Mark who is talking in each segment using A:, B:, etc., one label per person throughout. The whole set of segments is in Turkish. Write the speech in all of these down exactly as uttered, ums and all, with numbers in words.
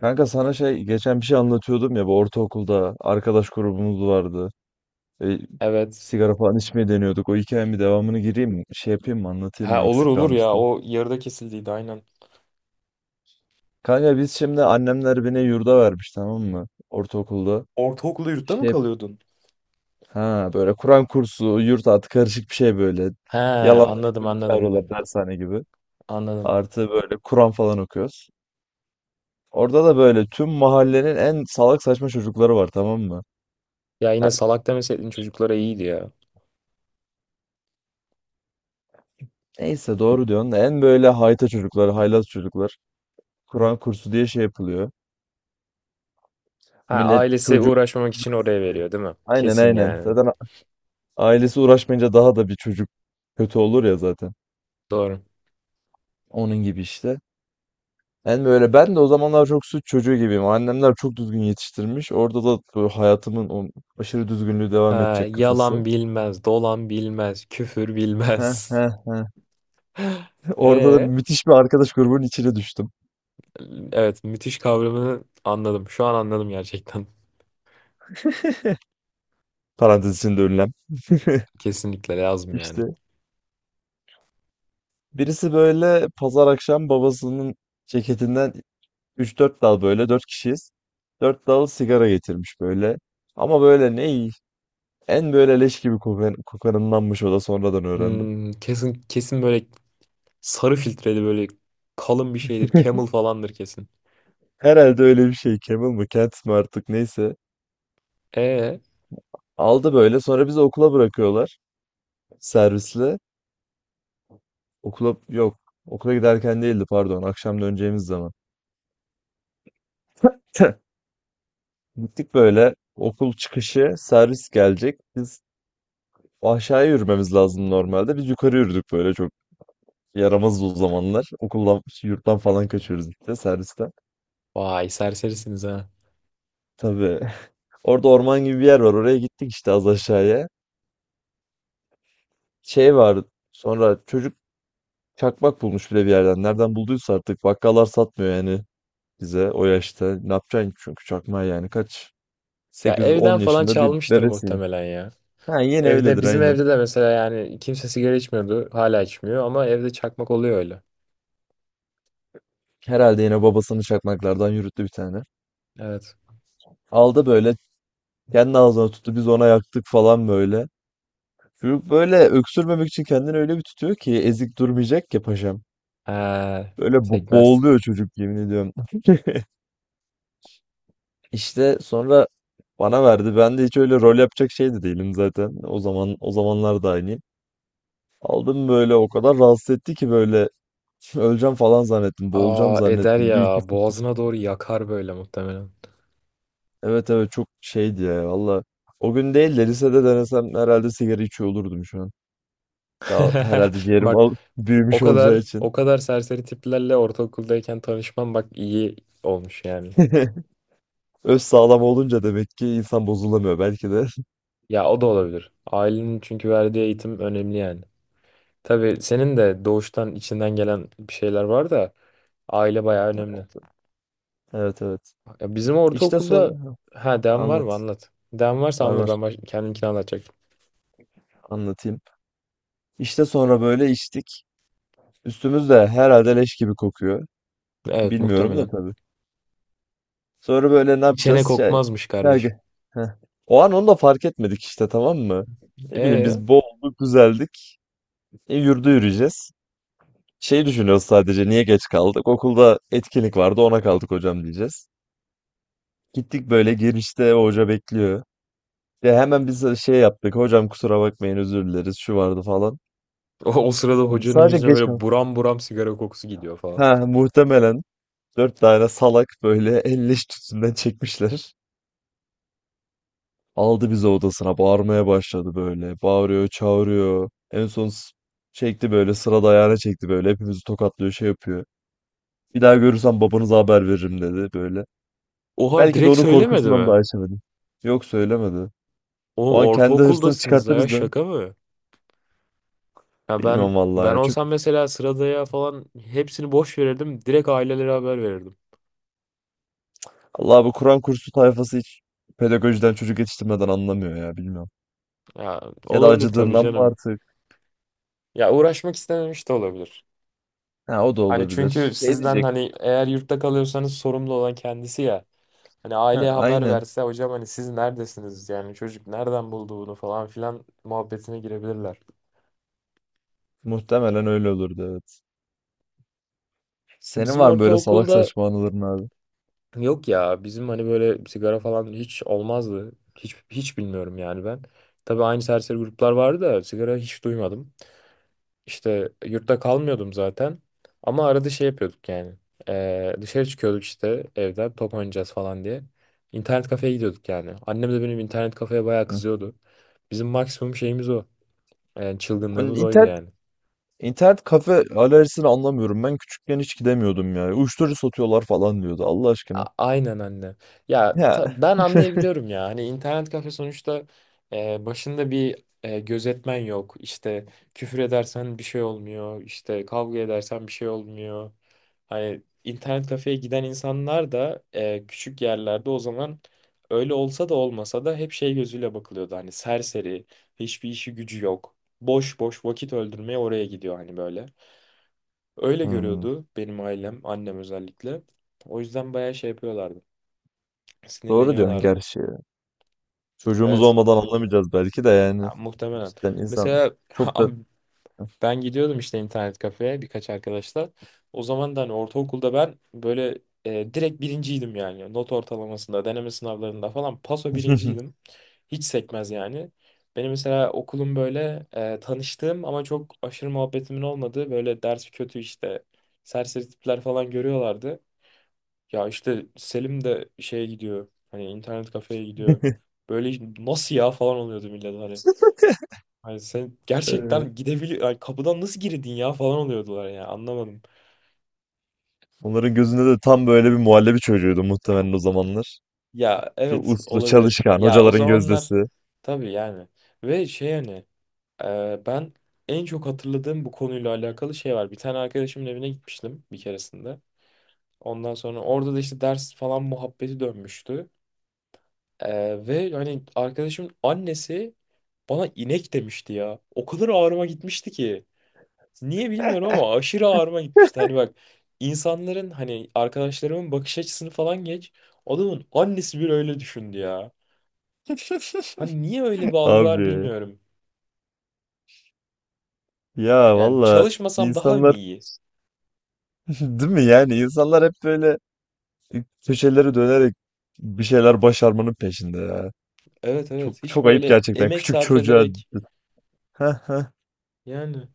A: Kanka sana şey geçen bir şey anlatıyordum ya, bu ortaokulda arkadaş grubumuz vardı. E,
B: Evet.
A: Sigara falan içmeye deniyorduk. O hikayenin bir devamını gireyim mi? Şey yapayım mı? Anlatayım
B: Ha
A: mı?
B: olur
A: Eksik
B: olur ya
A: kalmıştı.
B: o yarıda kesildiydi aynen.
A: Kanka biz şimdi annemler beni yurda vermiş, tamam mı? Ortaokulda.
B: Ortaokulda yurtta mı
A: Şey,
B: kalıyordun?
A: ha, böyle Kur'an kursu, yurt artı karışık bir şey böyle.
B: He
A: Yalandan ilk
B: anladım
A: böyle
B: anladım.
A: çağırıyorlar, dershane gibi.
B: Anladım.
A: Artı böyle Kur'an falan okuyoruz. Orada da böyle tüm mahallenin en salak saçma çocukları var, tamam mı?
B: Ya yine salak demeseydin çocuklara iyiydi ya.
A: Neyse, doğru diyorsun. En böyle hayta çocuklar, haylaz çocuklar. Kur'an kursu diye şey yapılıyor.
B: Ha
A: Millet
B: ailesi
A: çocuğu.
B: uğraşmamak için oraya veriyor değil mi?
A: Aynen
B: Kesin
A: aynen.
B: yani.
A: Zaten a- ailesi uğraşmayınca daha da bir çocuk kötü olur ya zaten.
B: Doğru.
A: Onun gibi işte. En böyle ben de o zamanlar çok suç çocuğu gibiyim. Annemler çok düzgün yetiştirmiş. Orada da böyle hayatımın o aşırı düzgünlüğü
B: Ha
A: devam edecek kafası.
B: yalan bilmez, dolan bilmez, küfür
A: Heh,
B: bilmez.
A: heh, heh. Orada da
B: Ee,
A: müthiş bir arkadaş grubunun içine düştüm.
B: evet müthiş kavramını anladım. Şu an anladım gerçekten.
A: Parantez içinde ünlem.
B: Kesinlikle lazım yani.
A: İşte birisi böyle pazar akşam babasının ceketinden üç dört dal, böyle dört kişiyiz, dört dal sigara getirmiş böyle. Ama böyle ne, en böyle leş gibi kokan, kokanındanmış, o da sonradan öğrendim.
B: Hmm, kesin kesin böyle sarı filtreli böyle kalın bir şeydir. Camel falandır kesin.
A: Herhalde öyle bir şey, Camel mı Kent mi artık, neyse.
B: E
A: Aldı böyle, sonra bizi okula bırakıyorlar servisle. Okula yok, okula giderken değildi, pardon, akşam döneceğimiz zaman. Gittik böyle, okul çıkışı servis gelecek. Biz aşağıya yürümemiz lazım normalde. Biz yukarı yürüdük böyle, çok yaramazdı o zamanlar. Okuldan, yurttan falan kaçıyoruz işte, servisten.
B: Vay serserisiniz ha.
A: Tabii. Orada orman gibi bir yer var. Oraya gittik işte, az aşağıya. Şey var. Sonra çocuk çakmak bulmuş bile bir yerden. Nereden bulduysa artık. Bakkallar satmıyor yani bize o yaşta. Ne yapacaksın çünkü çakmağı yani, kaç?
B: Ya evden
A: sekiz ila on
B: falan
A: yaşında bir
B: çalmıştır
A: bebesin.
B: muhtemelen ya.
A: Ha, yine
B: Evde
A: öyledir
B: bizim
A: aynen.
B: evde de mesela yani kimse sigara içmiyordu. Hala içmiyor ama evde çakmak oluyor öyle.
A: Herhalde yine babasının çakmaklardan yürüttü bir tane.
B: Evet.
A: Aldı böyle, kendi ağzına tuttu, biz ona yaktık falan böyle. Çocuk böyle öksürmemek için kendini öyle bir tutuyor ki, ezik durmayacak ya paşam.
B: He,
A: Böyle bo-
B: sekmez.
A: boğuluyor çocuk, yemin ediyorum. İşte sonra bana verdi. Ben de hiç öyle rol yapacak şey de değilim zaten. O zaman o zamanlar da aynıyım. Aldım böyle, o kadar rahatsız etti ki böyle, öleceğim falan zannettim. Boğulacağım
B: Aa eder
A: zannettim. Bir iki
B: ya.
A: fır-
B: Boğazına doğru yakar böyle muhtemelen.
A: evet evet, çok şeydi ya valla. O gün değil de lisede denesem herhalde sigara içiyor olurdum şu an. Daha herhalde ciğerim
B: Bak
A: al
B: o
A: büyümüş olacağı
B: kadar
A: için.
B: o kadar serseri tiplerle ortaokuldayken tanışmam bak iyi olmuş yani.
A: Öz sağlam olunca demek ki insan bozulamıyor belki de.
B: Ya o da olabilir. Ailenin çünkü verdiği eğitim önemli yani. Tabii senin de doğuştan içinden gelen bir şeyler var da aile bayağı önemli.
A: Evet evet.
B: Ya bizim
A: İşte
B: ortaokulda
A: sonra ha,
B: ha devam var mı
A: anlat.
B: anlat. Devam varsa
A: Var
B: anlat
A: var,
B: ben baş... kendimkini anlatacaktım.
A: anlatayım. İşte sonra böyle içtik. Üstümüz de herhalde leş gibi kokuyor.
B: Evet
A: Bilmiyorum da
B: muhtemelen.
A: tabii. Sonra böyle ne
B: İçene
A: yapacağız? Şey.
B: kokmazmış
A: Ya,
B: kardeşim.
A: ge- heh. O an onu da fark etmedik işte, tamam mı? Ne bileyim,
B: E
A: biz boğulduk güzeldik. E, yürüdü, yürüyeceğiz. Şey düşünüyoruz, sadece niye geç kaldık? Okulda etkinlik vardı, ona kaldık hocam diyeceğiz. Gittik böyle, girişte o hoca bekliyor. Ya hemen biz de şey yaptık. Hocam kusura bakmayın, özür dileriz, şu vardı falan.
B: o, o sırada hocanın
A: Sadece
B: yüzüne
A: geç
B: böyle
A: kaldık.
B: buram buram sigara kokusu gidiyor falan.
A: Ha muhtemelen dört tane salak böyle elleş tütünden çekmişler. Aldı bizi odasına, bağırmaya başladı böyle. Bağırıyor çağırıyor. En son s- çekti böyle sırada, ayağına çekti böyle. Hepimizi tokatlıyor, şey yapıyor. Bir daha görürsem babanıza haber veririm dedi böyle.
B: Oha
A: Belki de
B: direkt
A: onun
B: söylemedi
A: korkusundan
B: mi?
A: daha içemedim. Yok, söylemedi.
B: Oğlum
A: O an kendi hırsını
B: ortaokuldasınız da
A: çıkarttı
B: ya
A: bizden.
B: şaka mı? Ya
A: Bilmiyorum
B: ben
A: vallahi
B: ben
A: ya. Çünkü
B: olsam mesela sıradaya falan hepsini boş verirdim. Direkt ailelere haber verirdim.
A: Allah, bu Kur'an kursu tayfası hiç pedagojiden, çocuk yetiştirmeden anlamıyor ya, bilmiyorum.
B: Ya
A: Ya da
B: olabilir tabii
A: acıdığından mı
B: canım.
A: artık?
B: Ya uğraşmak istememiş de olabilir.
A: Ha, o da
B: Hani
A: olabilir.
B: çünkü
A: Şey
B: sizden
A: diyecek.
B: hani eğer yurtta kalıyorsanız sorumlu olan kendisi ya. Hani
A: Ha
B: aileye haber
A: aynen.
B: verse hocam hani siz neredesiniz yani çocuk nereden buldu bunu falan filan muhabbetine girebilirler.
A: Muhtemelen öyle olurdu, evet. Senin
B: Bizim
A: var mı böyle salak
B: ortaokulda
A: saçma anıların abi?
B: yok ya bizim hani böyle sigara falan hiç olmazdı. Hiç, hiç bilmiyorum yani ben. Tabii aynı serseri gruplar vardı da sigara hiç duymadım. İşte yurtta kalmıyordum zaten. Ama arada şey yapıyorduk yani. Ee, dışarı çıkıyorduk işte evden top oynayacağız falan diye. İnternet kafeye gidiyorduk yani. Annem de benim internet kafeye bayağı
A: Hı.
B: kızıyordu. Bizim maksimum şeyimiz o. Yani
A: Onun
B: çılgınlığımız oydu
A: internet
B: yani.
A: internet kafe alerjisini anlamıyorum. Ben küçükken hiç gidemiyordum ya. Uyuşturucu satıyorlar falan diyordu, Allah
B: A-
A: aşkına.
B: Aynen anne. Ya
A: Ya.
B: ta- ben anlayabiliyorum ya. Hani internet kafe sonuçta e, başında bir e, gözetmen yok. İşte küfür edersen bir şey olmuyor. İşte kavga edersen bir şey olmuyor. Hani internet kafeye giden insanlar da e, küçük yerlerde o zaman öyle olsa da olmasa da hep şey gözüyle bakılıyordu. Hani serseri, hiçbir işi gücü yok. Boş boş vakit öldürmeye oraya gidiyor hani böyle. Öyle
A: Hmm.
B: görüyordu benim ailem, annem özellikle. O yüzden bayağı şey yapıyorlardı.
A: Doğru diyorsun
B: Sinirleniyorlardı.
A: gerçi. Çocuğumuz
B: Evet.
A: olmadan anlamayacağız belki de yani.
B: Ya, muhtemelen.
A: Cidden insan
B: Mesela
A: çok da...
B: abi ben gidiyordum işte internet kafeye birkaç arkadaşla. O zaman da hani ortaokulda ben böyle e, direkt birinciydim yani. Not ortalamasında, deneme sınavlarında falan paso birinciydim. Hiç sekmez yani. Benim mesela okulum böyle e, tanıştığım ama çok aşırı muhabbetimin olmadığı böyle dersi kötü işte serseri tipler falan görüyorlardı. Ya işte Selim de şeye gidiyor. Hani internet kafeye gidiyor. Böyle nasıl ya falan oluyordu millet hani. Hani sen
A: Evet.
B: gerçekten gidebilir hani kapıdan nasıl girdin ya falan oluyordular ya anlamadım.
A: Onların gözünde de tam böyle bir muhallebi çocuğuydu muhtemelen o zamanlar.
B: Ya
A: Şu
B: evet
A: uslu,
B: olabilir.
A: çalışkan,
B: Ya o
A: hocaların
B: zamanlar
A: gözdesi.
B: tabii yani. Ve şey hani e, ben en çok hatırladığım bu konuyla alakalı şey var. Bir tane arkadaşımın evine gitmiştim bir keresinde. Ondan sonra orada da işte ders falan muhabbeti dönmüştü. Ee, ve hani arkadaşımın annesi bana inek demişti ya. O kadar ağrıma gitmişti ki. Niye bilmiyorum ama aşırı ağrıma gitmişti. Hani bak insanların hani arkadaşlarımın bakış açısını falan geç. Adamın annesi bile öyle düşündü ya. Hani niye öyle bir algı var
A: Abi
B: bilmiyorum.
A: ya
B: Yani
A: valla,
B: çalışmasam daha mı
A: insanlar
B: iyi?
A: değil mi yani, insanlar hep böyle köşeleri dönerek bir şeyler başarmanın peşinde ya.
B: Evet
A: Çok
B: evet hiç
A: çok ayıp
B: böyle
A: gerçekten,
B: emek
A: küçük
B: sarf
A: çocuğa.
B: ederek
A: Heh, heh.
B: yani.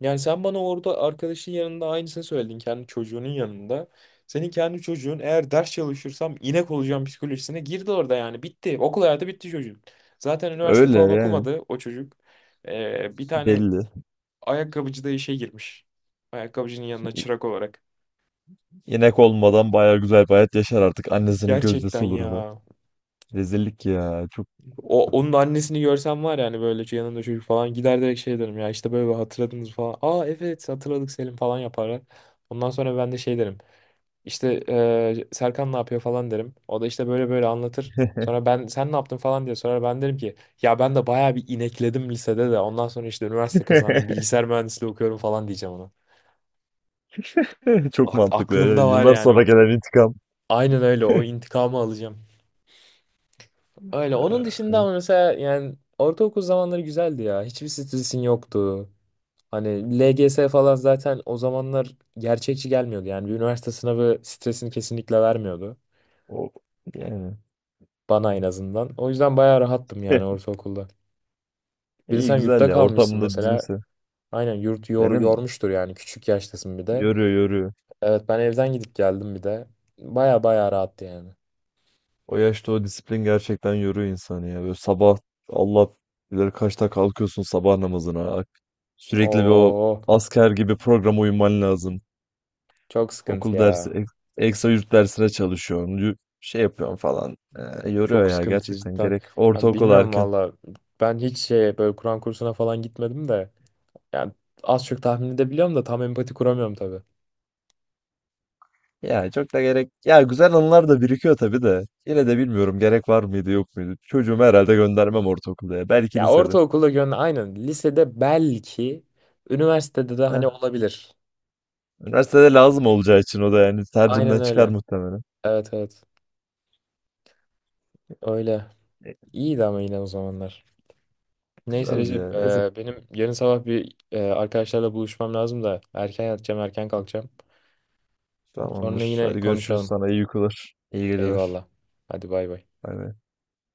B: Yani sen bana orada arkadaşın yanında aynısını söyledin kendi çocuğunun yanında. Senin kendi çocuğun eğer ders çalışırsam inek olacağım psikolojisine girdi orada yani bitti. Okul hayatı bitti çocuğun. Zaten üniversite
A: Öyle
B: falan
A: yani,
B: okumadı o çocuk. Ee, bir tane
A: belli.
B: ayakkabıcı da işe girmiş. Ayakkabıcının yanına
A: İ-
B: çırak olarak.
A: İnek olmadan baya güzel bir hayat yaşar artık. Annesinin
B: Gerçekten
A: gözdesi olur da.
B: ya.
A: Rezillik ya. Çok
B: O, onun annesini görsem var yani böyle yanında çocuk falan gider direkt şey derim ya işte böyle hatırladınız falan. Aa evet hatırladık Selim falan yaparlar. Ondan sonra ben de şey derim. İşte eee, Serkan ne yapıyor falan derim. O da işte böyle böyle anlatır. Sonra ben sen ne yaptın falan diye sorar. Ben derim ki ya ben de bayağı bir inekledim lisede de. Ondan sonra işte üniversite kazandım. Bilgisayar mühendisliği okuyorum falan diyeceğim ona.
A: çok
B: Ak-
A: mantıklı. Yani
B: aklımda var
A: yıllar
B: yani.
A: sonra
B: O,
A: gelen intikam.
B: aynen öyle. O intikamı alacağım. Öyle.
A: Ee,
B: Onun dışında ama mesela yani ortaokul zamanları güzeldi ya. Hiçbir stresin yoktu. Hani L G S falan zaten o zamanlar gerçekçi gelmiyordu. Yani bir üniversite sınavı stresini kesinlikle vermiyordu.
A: o yani.
B: Bana en azından. O yüzden bayağı rahattım yani ortaokulda. Bir de
A: İyi
B: sen
A: güzel
B: yurtta
A: ya,
B: kalmışsın
A: ortamında
B: mesela.
A: düzgünse.
B: Aynen yurt yor,
A: Benim
B: yormuştur yani. Küçük yaştasın bir de.
A: yoruyor, yoruyor.
B: Evet ben evden gidip geldim bir de. Bayağı bayağı rahattı yani.
A: O yaşta o disiplin gerçekten yoruyor insanı ya. Böyle sabah Allah bilir kaçta kalkıyorsun sabah namazına. Ak- Sürekli bir o
B: Oo
A: asker gibi programa uyman lazım.
B: çok sıkıntı
A: Okul dersi,
B: ya.
A: ek- ekstra yurt dersine çalışıyorsun. yu- Şey yapıyorsun falan. Ee, yoruyor
B: Çok
A: ya
B: sıkıntı
A: gerçekten,
B: cidden.
A: gerek.
B: Ya
A: Ortaokul
B: bilmiyorum
A: erken.
B: valla. Ben hiç şey böyle Kur'an kursuna falan gitmedim de. Yani az çok tahmin edebiliyorum da tam empati kuramıyorum tabii.
A: Ya çok da gerek. Ya güzel anılar da birikiyor tabii de. Yine de bilmiyorum, gerek var mıydı yok muydu. Çocuğumu herhalde göndermem ortaokulda ya. Belki
B: Ya
A: lisede.
B: ortaokulda gönlü aynen. Lisede belki. Üniversitede de hani
A: Heh.
B: olabilir.
A: Üniversitede lazım olacağı için o da yani tercihimden
B: Aynen
A: çıkar
B: öyle.
A: muhtemelen.
B: Evet evet. Öyle. İyiydi ama yine o zamanlar. Neyse
A: Güzeldi
B: Recep,
A: ya. Neyse,
B: e, benim yarın sabah bir e, arkadaşlarla buluşmam lazım da erken yatacağım, erken kalkacağım. Sonra
A: tamamdır.
B: yine
A: Hadi görüşürüz
B: konuşalım.
A: sana. İyi uykular. İyi geceler.
B: Eyvallah. Hadi bay bay.
A: Bay bay.